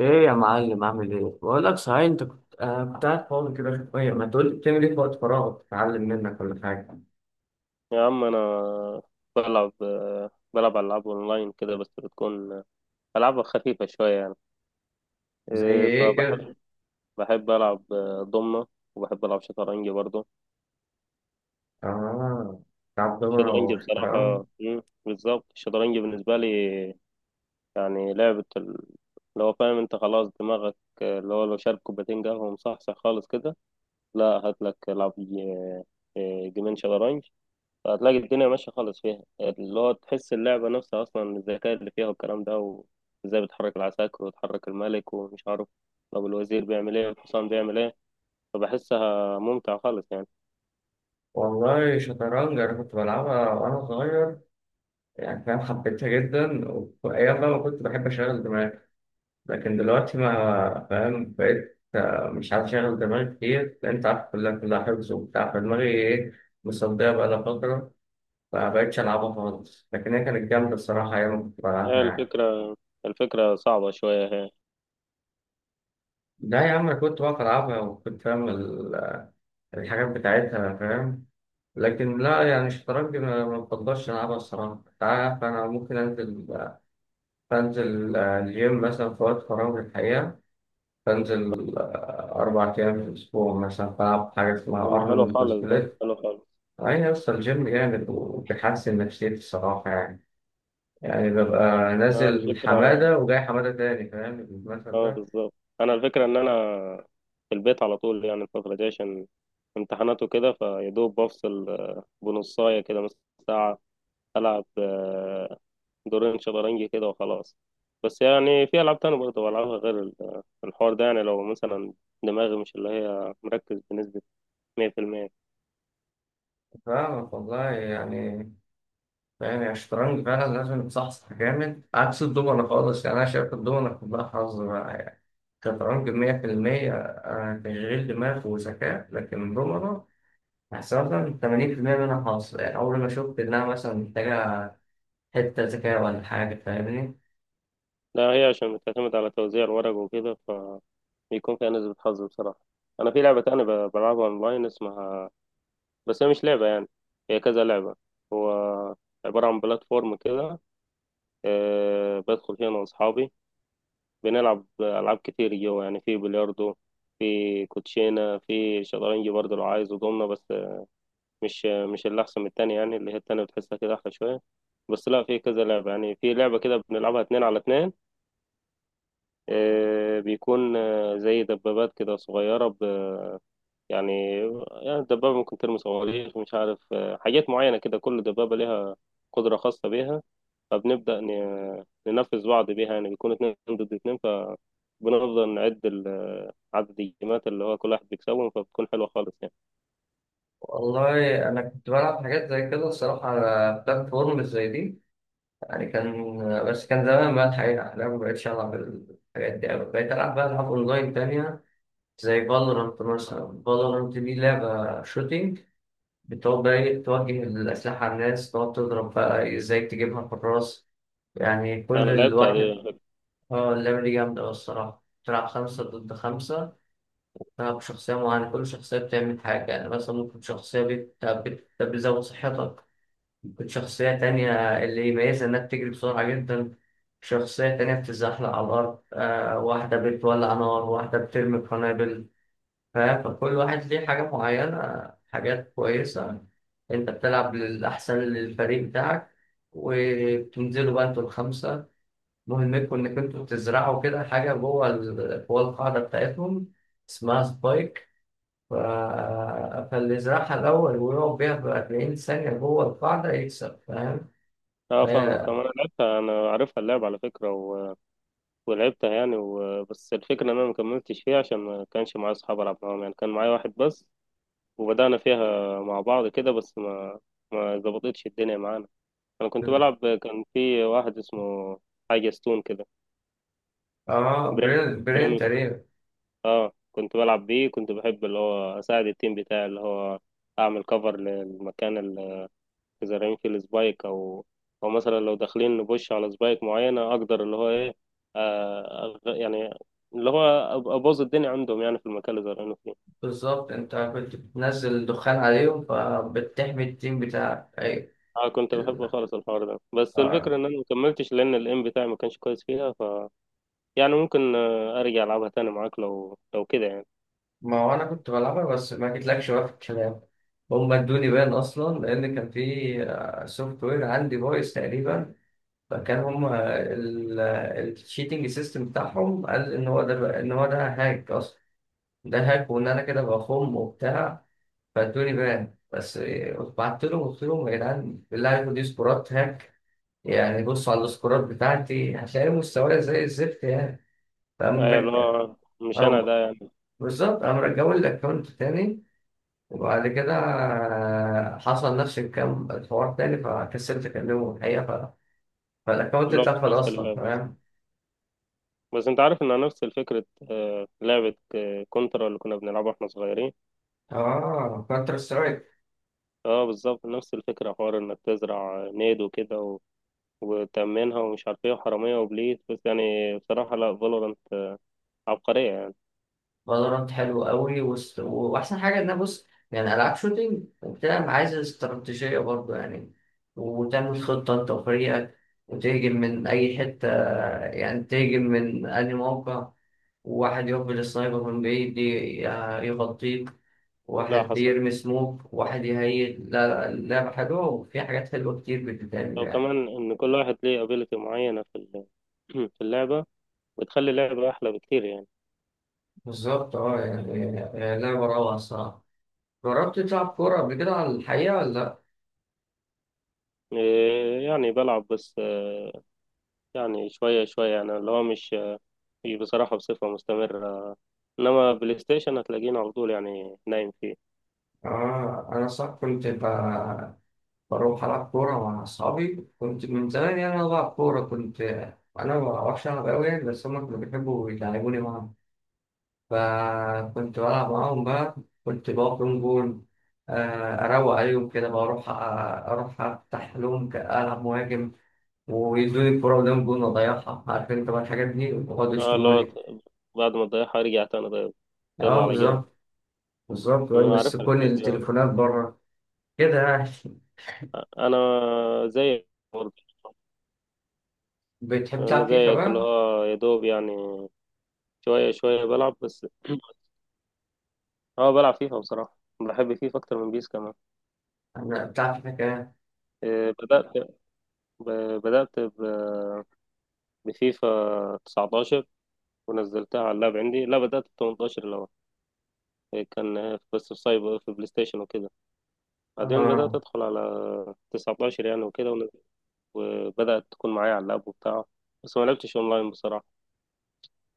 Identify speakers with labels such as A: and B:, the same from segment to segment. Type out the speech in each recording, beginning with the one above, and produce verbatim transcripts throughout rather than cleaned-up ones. A: ايه يا معلم، عامل ايه؟ بقول لك، صحيح، انت كنت آه كنت قاعد فاضي كده شويه، ما تقول لي بتعمل ايه في وقت فراغك؟ اتعلم منك ولا حاجه؟
B: يا عم انا بلعب بلعب العاب اونلاين كده، بس بتكون العابها خفيفه شويه يعني.
A: زي
B: إيه،
A: ايه كده؟
B: فبحب بحب العب ضمنه، وبحب العب شطرنج برضه.
A: اه، بتلعب دومنة
B: الشطرنج
A: وشطرنج؟
B: بصراحه، مم، بالظبط الشطرنج بالنسبه لي يعني لعبه ال- اللي هو فاهم انت خلاص دماغك، اللي هو لو شارب كوبايتين قهوه مصحصح خالص كده، لا هات لك العب ج- إيه، جيمين شطرنج، هتلاقي الدنيا ماشية خالص فيها. اللي هو تحس اللعبة نفسها أصلا الذكاء اللي فيها والكلام ده، وإزاي بتحرك العساكر وتحرك الملك ومش عارف طب الوزير بيعمل إيه، الحصان بيعمل إيه. فبحسها ممتع خالص يعني.
A: والله شطرنج انا كنت بلعبها وانا صغير يعني، فاهم؟ حبيتها جدا، وايام بقى ما كنت بحب اشغل دماغي. لكن دلوقتي ما فاهم بقيت آه، مش عارف اشغل دماغي كتير، لأن انت عارف كلها كلها حفظ وبتاع، فدماغي ايه، مصدية بقى لها فترة. ما بقتش ألعبها خالص، لكن هي كانت جامدة الصراحة أيام ما كنت
B: هي
A: بلعبها يعني.
B: الفكرة، الفكرة صعبة شوية هي.
A: لا يا عم، أنا كنت بقف ألعبها وكنت فاهم ال- الحاجات بتاعتها فاهم. لكن لا يعني الشطرنج ما ما بفضلش ألعبها الصراحة. أنت عارف أنا ممكن أنزل، بنزل آه، الجيم مثلا في وقت فراغي الحقيقة. بنزل آه، أربع أيام في الأسبوع مثلا بلعب حاجة اسمها
B: لما حلو
A: أرنولد
B: خالص، ده
A: سبليت.
B: حلو خالص.
A: أي أصل الجيم جامد وبيحسن نفسيتي الصراحة يعني. يعني ببقى
B: أنا
A: نازل
B: الفكرة
A: حمادة وجاي حمادة تاني، فاهم المثل
B: اه
A: ده؟
B: بالظبط. أنا الفكرة إن أنا في البيت على طول يعني الفترة دي، عشان امتحانات وكده، فيدوب بفصل آه، بنصاية كده مثلا ساعة، ألعب آه، دورين شطرنج كده وخلاص. بس يعني في ألعاب تانية برضه بلعبها غير ال- الحوار ده، يعني لو مثلا دماغي مش اللي هي مركز بنسبة مية في المية.
A: فاهمك والله يعني. يعني الشطرنج فعلا لازم يتصحصح جامد، عكس الدومنة خالص يعني. أنا شايف الدومنة كلها حظ بقى يعني. الشطرنج مية في المية آه، تشغيل دماغ وذكاء، لكن الدومنة أحسن مثلا تمانين في المية منها حظ يعني. أول ما شفت إنها مثلا محتاجة حتة ذكاء ولا حاجة، فاهمني؟
B: لا، هي عشان بتعتمد على توزيع الورق وكده، فبيكون فيها نسبة حظ بصراحة. أنا في لعبة تانية ب- بلعبها أونلاين اسمها، بس هي مش لعبة يعني، هي كذا لعبة. هو عبارة عن بلاتفورم كده، أه بدخل فيها أنا وأصحابي، بنلعب ألعاب كتير جوا يعني. في بلياردو، في كوتشينة، في شطرنج برضه لو عايز، ودومنة. بس مش مش اللي أحسن من التانية، يعني اللي هي التانية بتحسها كده أحلى شوية. بس لا، في كذا لعبة يعني. في لعبة كده بنلعبها اتنين على اتنين، آه، بيكون آه، زي دبابات كده صغيرة ب- يعني يعني الدبابة ممكن ترمي صواريخ، مش عارف، آه، حاجات معينة كده كل دبابة ليها قدرة خاصة بيها. فبنبدأ ن- ننفذ بعض بيها، يعني بيكون اتنين ضد اتنين، فبنفضل نعد ال- عدد الجيمات اللي هو كل واحد بيكسبهم، فبتكون حلوة خالص يعني.
A: والله أنا كنت بلعب حاجات زي كده الصراحة على بلاتفورم زي دي يعني، كان، بس كان زمان بقى الحقيقة. أنا مبقتش ألعب الحاجات دي أوي، بقيت ألعب بقى ألعاب أونلاين تانية زي فالورانت مثلا. فالورانت دي لعبة شوتينج، بتقعد بقى إيه توجه الأسلحة على الناس، تقعد تضرب بقى إزاي تجيبها في الراس. يعني كل
B: أنا لعبت
A: الواحد. اه، اللعبة دي جامدة أوي الصراحة. تلعب خمسة ضد خمسة، تلعب شخصية معينة، كل شخصية بتعمل حاجة. يعني مثلا ممكن شخصية بت- بت- بتزود صحتك، ممكن شخصية تانية اللي يميزها إنها بتجري بسرعة جدا، شخصية تانية بتتزحلق على الأرض، آه واحدة بتولع نار، واحدة بترمي قنابل. ف- فكل واحد ليه حاجة معينة، حاجات كويسة. أنت بتلعب للأحسن للفريق بتاعك، وبتنزلوا بقى أنتوا الخمسة، مهمتكم إنك أنتوا بتزرعوا كده حاجة جوه ال- جوه القاعدة بتاعتهم، اسمها سبايك. ف... فاللي يزرعها الأول ويقعد بيها في أربعين ثانية جوه القاعدة يكسب، فاهم؟ ف...
B: اه فاهمك، انا لعبتها، انا عارفها اللعبة على فكرة، و... ولعبتها يعني و... بس الفكرة ان انا ما كملتش فيها عشان ما كانش معايا اصحاب العب معاهم، يعني كان معايا واحد بس، وبدأنا فيها مع بعض كده، بس ما ما ظبطتش الدنيا معانا. انا كنت بلعب، كان في واحد اسمه حاجة ستون كده.
A: اه،
B: بريم
A: برين برين
B: بريم
A: تقريبا.
B: اه كنت بلعب بيه. كنت بحب اللي هو اساعد التيم بتاعي، اللي هو اعمل كفر للمكان اذا رميت السبايك، او او مثلا لو داخلين نبوش على سبايك معينه، اقدر اللي هو ايه، آه أغ- يعني اللي هو أب- ابوظ الدنيا عندهم يعني في المكان اللي زرعينه فيه.
A: بالظبط، انت كنت بتنزل دخان عليهم، فبتحمي التيم بتاعك، ايوه.
B: اه كنت بحب خالص الحوار ده، بس الفكره
A: ال-
B: ان انا ما كملتش لان الايم بتاعي ما كانش كويس فيها، ف يعني ممكن آه، ارجع العبها تاني معاك لو لو كده يعني.
A: ما هو انا كنت بلعبها، بس ما جيتلكش بقى في الكلام. هم ادوني بان اصلا، لان كان في سوفت وير عندي فويس تقريبا، فكان هم الشيتنج سيستم بتاعهم قال ان هو ده بقى- ان هو ده هاك اصلا. ده هاك، وان انا كده بخم وبتاع، فادوني بان بس. بعت لهم، قلت لهم يا جدعان بالله عليكم دي سكورات هاك يعني، بصوا على السكورات بتاعتي هتلاقي مستواي زي الزفت يعني. فقام
B: ايوه، اللي
A: رج-
B: هو مش انا
A: أو-
B: ده يعني.
A: بالظبط، قام رجعوا لي الاكونت تاني. وبعد كده آه، حصل نفس الكلام الحوار تاني، فكسلت أكلمه الحقيقة ف... فالأكونت
B: اللي هو
A: اتقفل
B: فكست
A: أصلا،
B: اللعبه،
A: فاهم؟
B: بس انت عارف انها نفس فكره آه، لعبه آه، كونترا اللي كنا بنلعبها واحنا صغيرين.
A: اه، كونتر سترايك.
B: اه بالظبط، نفس الفكرة، حوار انك تزرع نيد وكده و... وتأمنها، ومش عارف ايه، وحرامية وبليت. بس يعني بصراحة، لا، فالورانت عبقرية يعني.
A: فالورانت حلو قوي، وست... وأحسن حاجة إن أنا بص، يعني ألعاب شوتينج وبتلعب عايزة استراتيجية برضه يعني. وتعمل خطة أنت وفريقك، وتهجم من أي حتة، يعني تهجم من أي موقع، وواحد يقبل السنايبر من بعيد ي- يغطيك،
B: لا
A: واحد
B: حصل،
A: يرمي سموك، واحد يهيل. لا لا، اللعبة حلوة وفي حاجات حلوة كتير بتتعمل
B: لو
A: يعني.
B: كمان ان كل واحد ليه ابيلتي معينة في ال... في اللعبة، بتخلي اللعبة احلى بكتير يعني.
A: بالظبط اه يعني آه، لعبة روعة الصراحة. جربت تلعب كورة قبل كده على الحقيقة ولا لأ؟
B: إيه يعني بلعب، بس آه، يعني شوية شوية يعني، اللي هو مش مش بصراحة بصفة مستمرة، انما بلاي ستيشن هتلاقيني على طول يعني نايم فيه.
A: آه أنا صح، كنت ب- بروح ألعب كورة مع أصحابي كنت من زمان. يعني أنا بلعب كورة كنت، أنا ما بعرفش ألعب أوي يعني، بس هما كانوا بيحبوا يلعبوني معاهم. فكنت بلعب معاهم بقى، كنت بقف لون جول، آه، أروق عليهم كده، بقى أروح، آه، أروح أفتح لهم ك- ألعب مهاجم، ويدوني الكورة قدام الجون وأضيعها، عارف أنت بقى الحاجات دي، ويقعدوا
B: اه، اللي هو
A: يشتموني.
B: بعد ما تضيعها ارجع تاني طيب.
A: أه
B: يلا على جونا.
A: بالظبط. بالظبط بقى،
B: انا عارف
A: يمسكوني
B: الحكاية دي.
A: التليفونات بره كده يعني.
B: انا زيك برضه.
A: بتحب
B: انا
A: تلعب فيفا
B: زيك، اللي
A: بقى؟
B: هو يا دوب يعني، شويه شويه بلعب بس. اه بلعب فيفا، بصراحه بحب فيفا اكتر من بيس كمان.
A: أنا بتلعب فيفا كده،
B: إيه، بدات ب- بدات ب- بفيفا تسعة عشر ونزلتها على اللاب عندي. لا بدات ب تمنتاشر الاول، إيه، كان بس في سايبر في بلاي ستيشن وكده، بعدين بدات
A: أه.
B: ادخل على تسعة عشر يعني وكده ون- وبدات تكون معايا على اللاب وبتاع. بس ما لعبتش اونلاين بصراحه.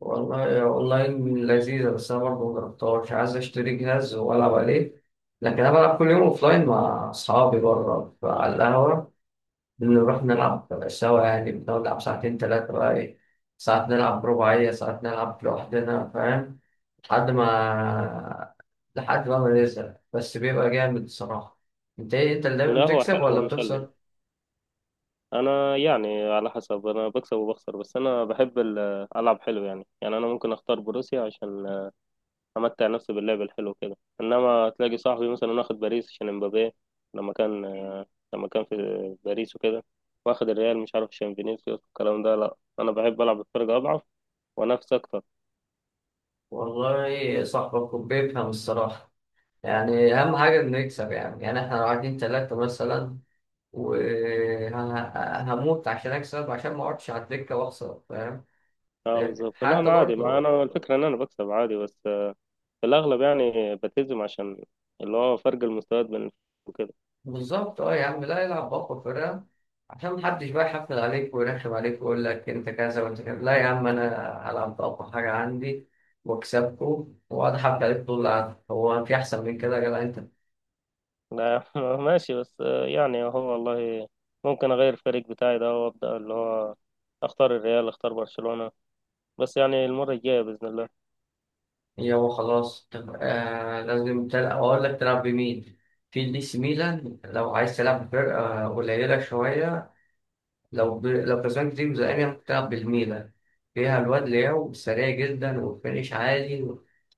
A: والله يا اونلاين لذيذة، بس انا برضه مجربتهاش، عايز اشتري جهاز والعب عليه. لكن انا بلعب كل يوم اوفلاين مع اصحابي بره على القهوة. بنروح نلعب سوا يعني، بنقعد نلعب ساعتين تلاتة بقى ايه، ساعات نلعب رباعية، ساعات نلعب لوحدنا فاهم. لحد ما لحد بقى ما نزهق، بس بيبقى جامد الصراحة. انت ايه، انت اللي دايما
B: لا هو
A: بتكسب
B: حلو
A: ولا
B: ومسلي.
A: بتخسر؟
B: انا يعني على حسب، انا بكسب وبخسر، بس انا بحب ال- العب حلو يعني. يعني انا ممكن اختار بروسيا عشان امتع نفسي باللعب الحلو كده، انما تلاقي صاحبي مثلا واخد باريس عشان امبابي لما كان لما كان في باريس وكده، واخد الريال مش عارف عشان فينيسيوس الكلام ده. لا انا بحب العب بفرقة اضعف، وانافس اكتر.
A: والله صاحبك بيفهم الصراحة يعني. أهم حاجة إنه يكسب يعني. يعني إحنا لو قاعدين تلاتة مثلا، وهموت عشان اكسب، عشان ما اقعدش على الدكه واخسر، فاهم؟
B: اه بالظبط، لا
A: حتى
B: انا عادي، مع
A: برضه.
B: انا الفكرة ان انا بكسب عادي بس، في الاغلب يعني بلتزم عشان اللي هو فرق المستويات بين.
A: بالظبط اه يا عم، لا العب باقوى فرقه، عشان محدش بقى يحفل عليك ويرخم عليك ويقول لك انت كذا وانت كذا. لا يا عم، انا هلعب باقوى حاجه عندي واكسبكم، واقعد احفل عليك طول القعده. هو في احسن من كده يا جدع انت؟
B: لا، ماشي، بس يعني هو والله ممكن اغير الفريق بتاعي ده، وابدا اللي هو اختار الريال، اختار برشلونة، بس يعني المرة الجاية باذن الله.
A: يابا خلاص، طب آه لازم تلعب، اقول لك تلعب بمين. في الدي سي ميلان لو عايز تلعب بفرقه قليله شويه. لو ب... لو كسبان كتير زي، ممكن تلعب بالميلان، فيها الواد لياو سريع جدا والفينش عالي،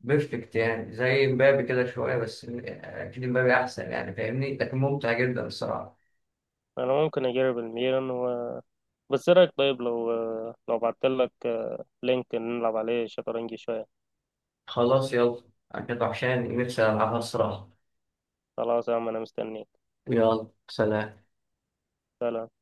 A: بيرفكت يعني، زي مبابي كده شوية، بس أكيد مبابي أحسن يعني فاهمني، لكن ممتع جدا الصراحة.
B: انا ممكن اجرب الميلان و... بس ايه رايك طيب لو لو بعتلك آه، لينك نلعب عليه شطرنج شوية؟
A: خلاص يلا، أنا كنت وحشاني نفسي ألعبها الصراحة.
B: خلاص يا عم انا مستنيك.
A: يلا، سلام.
B: سلام.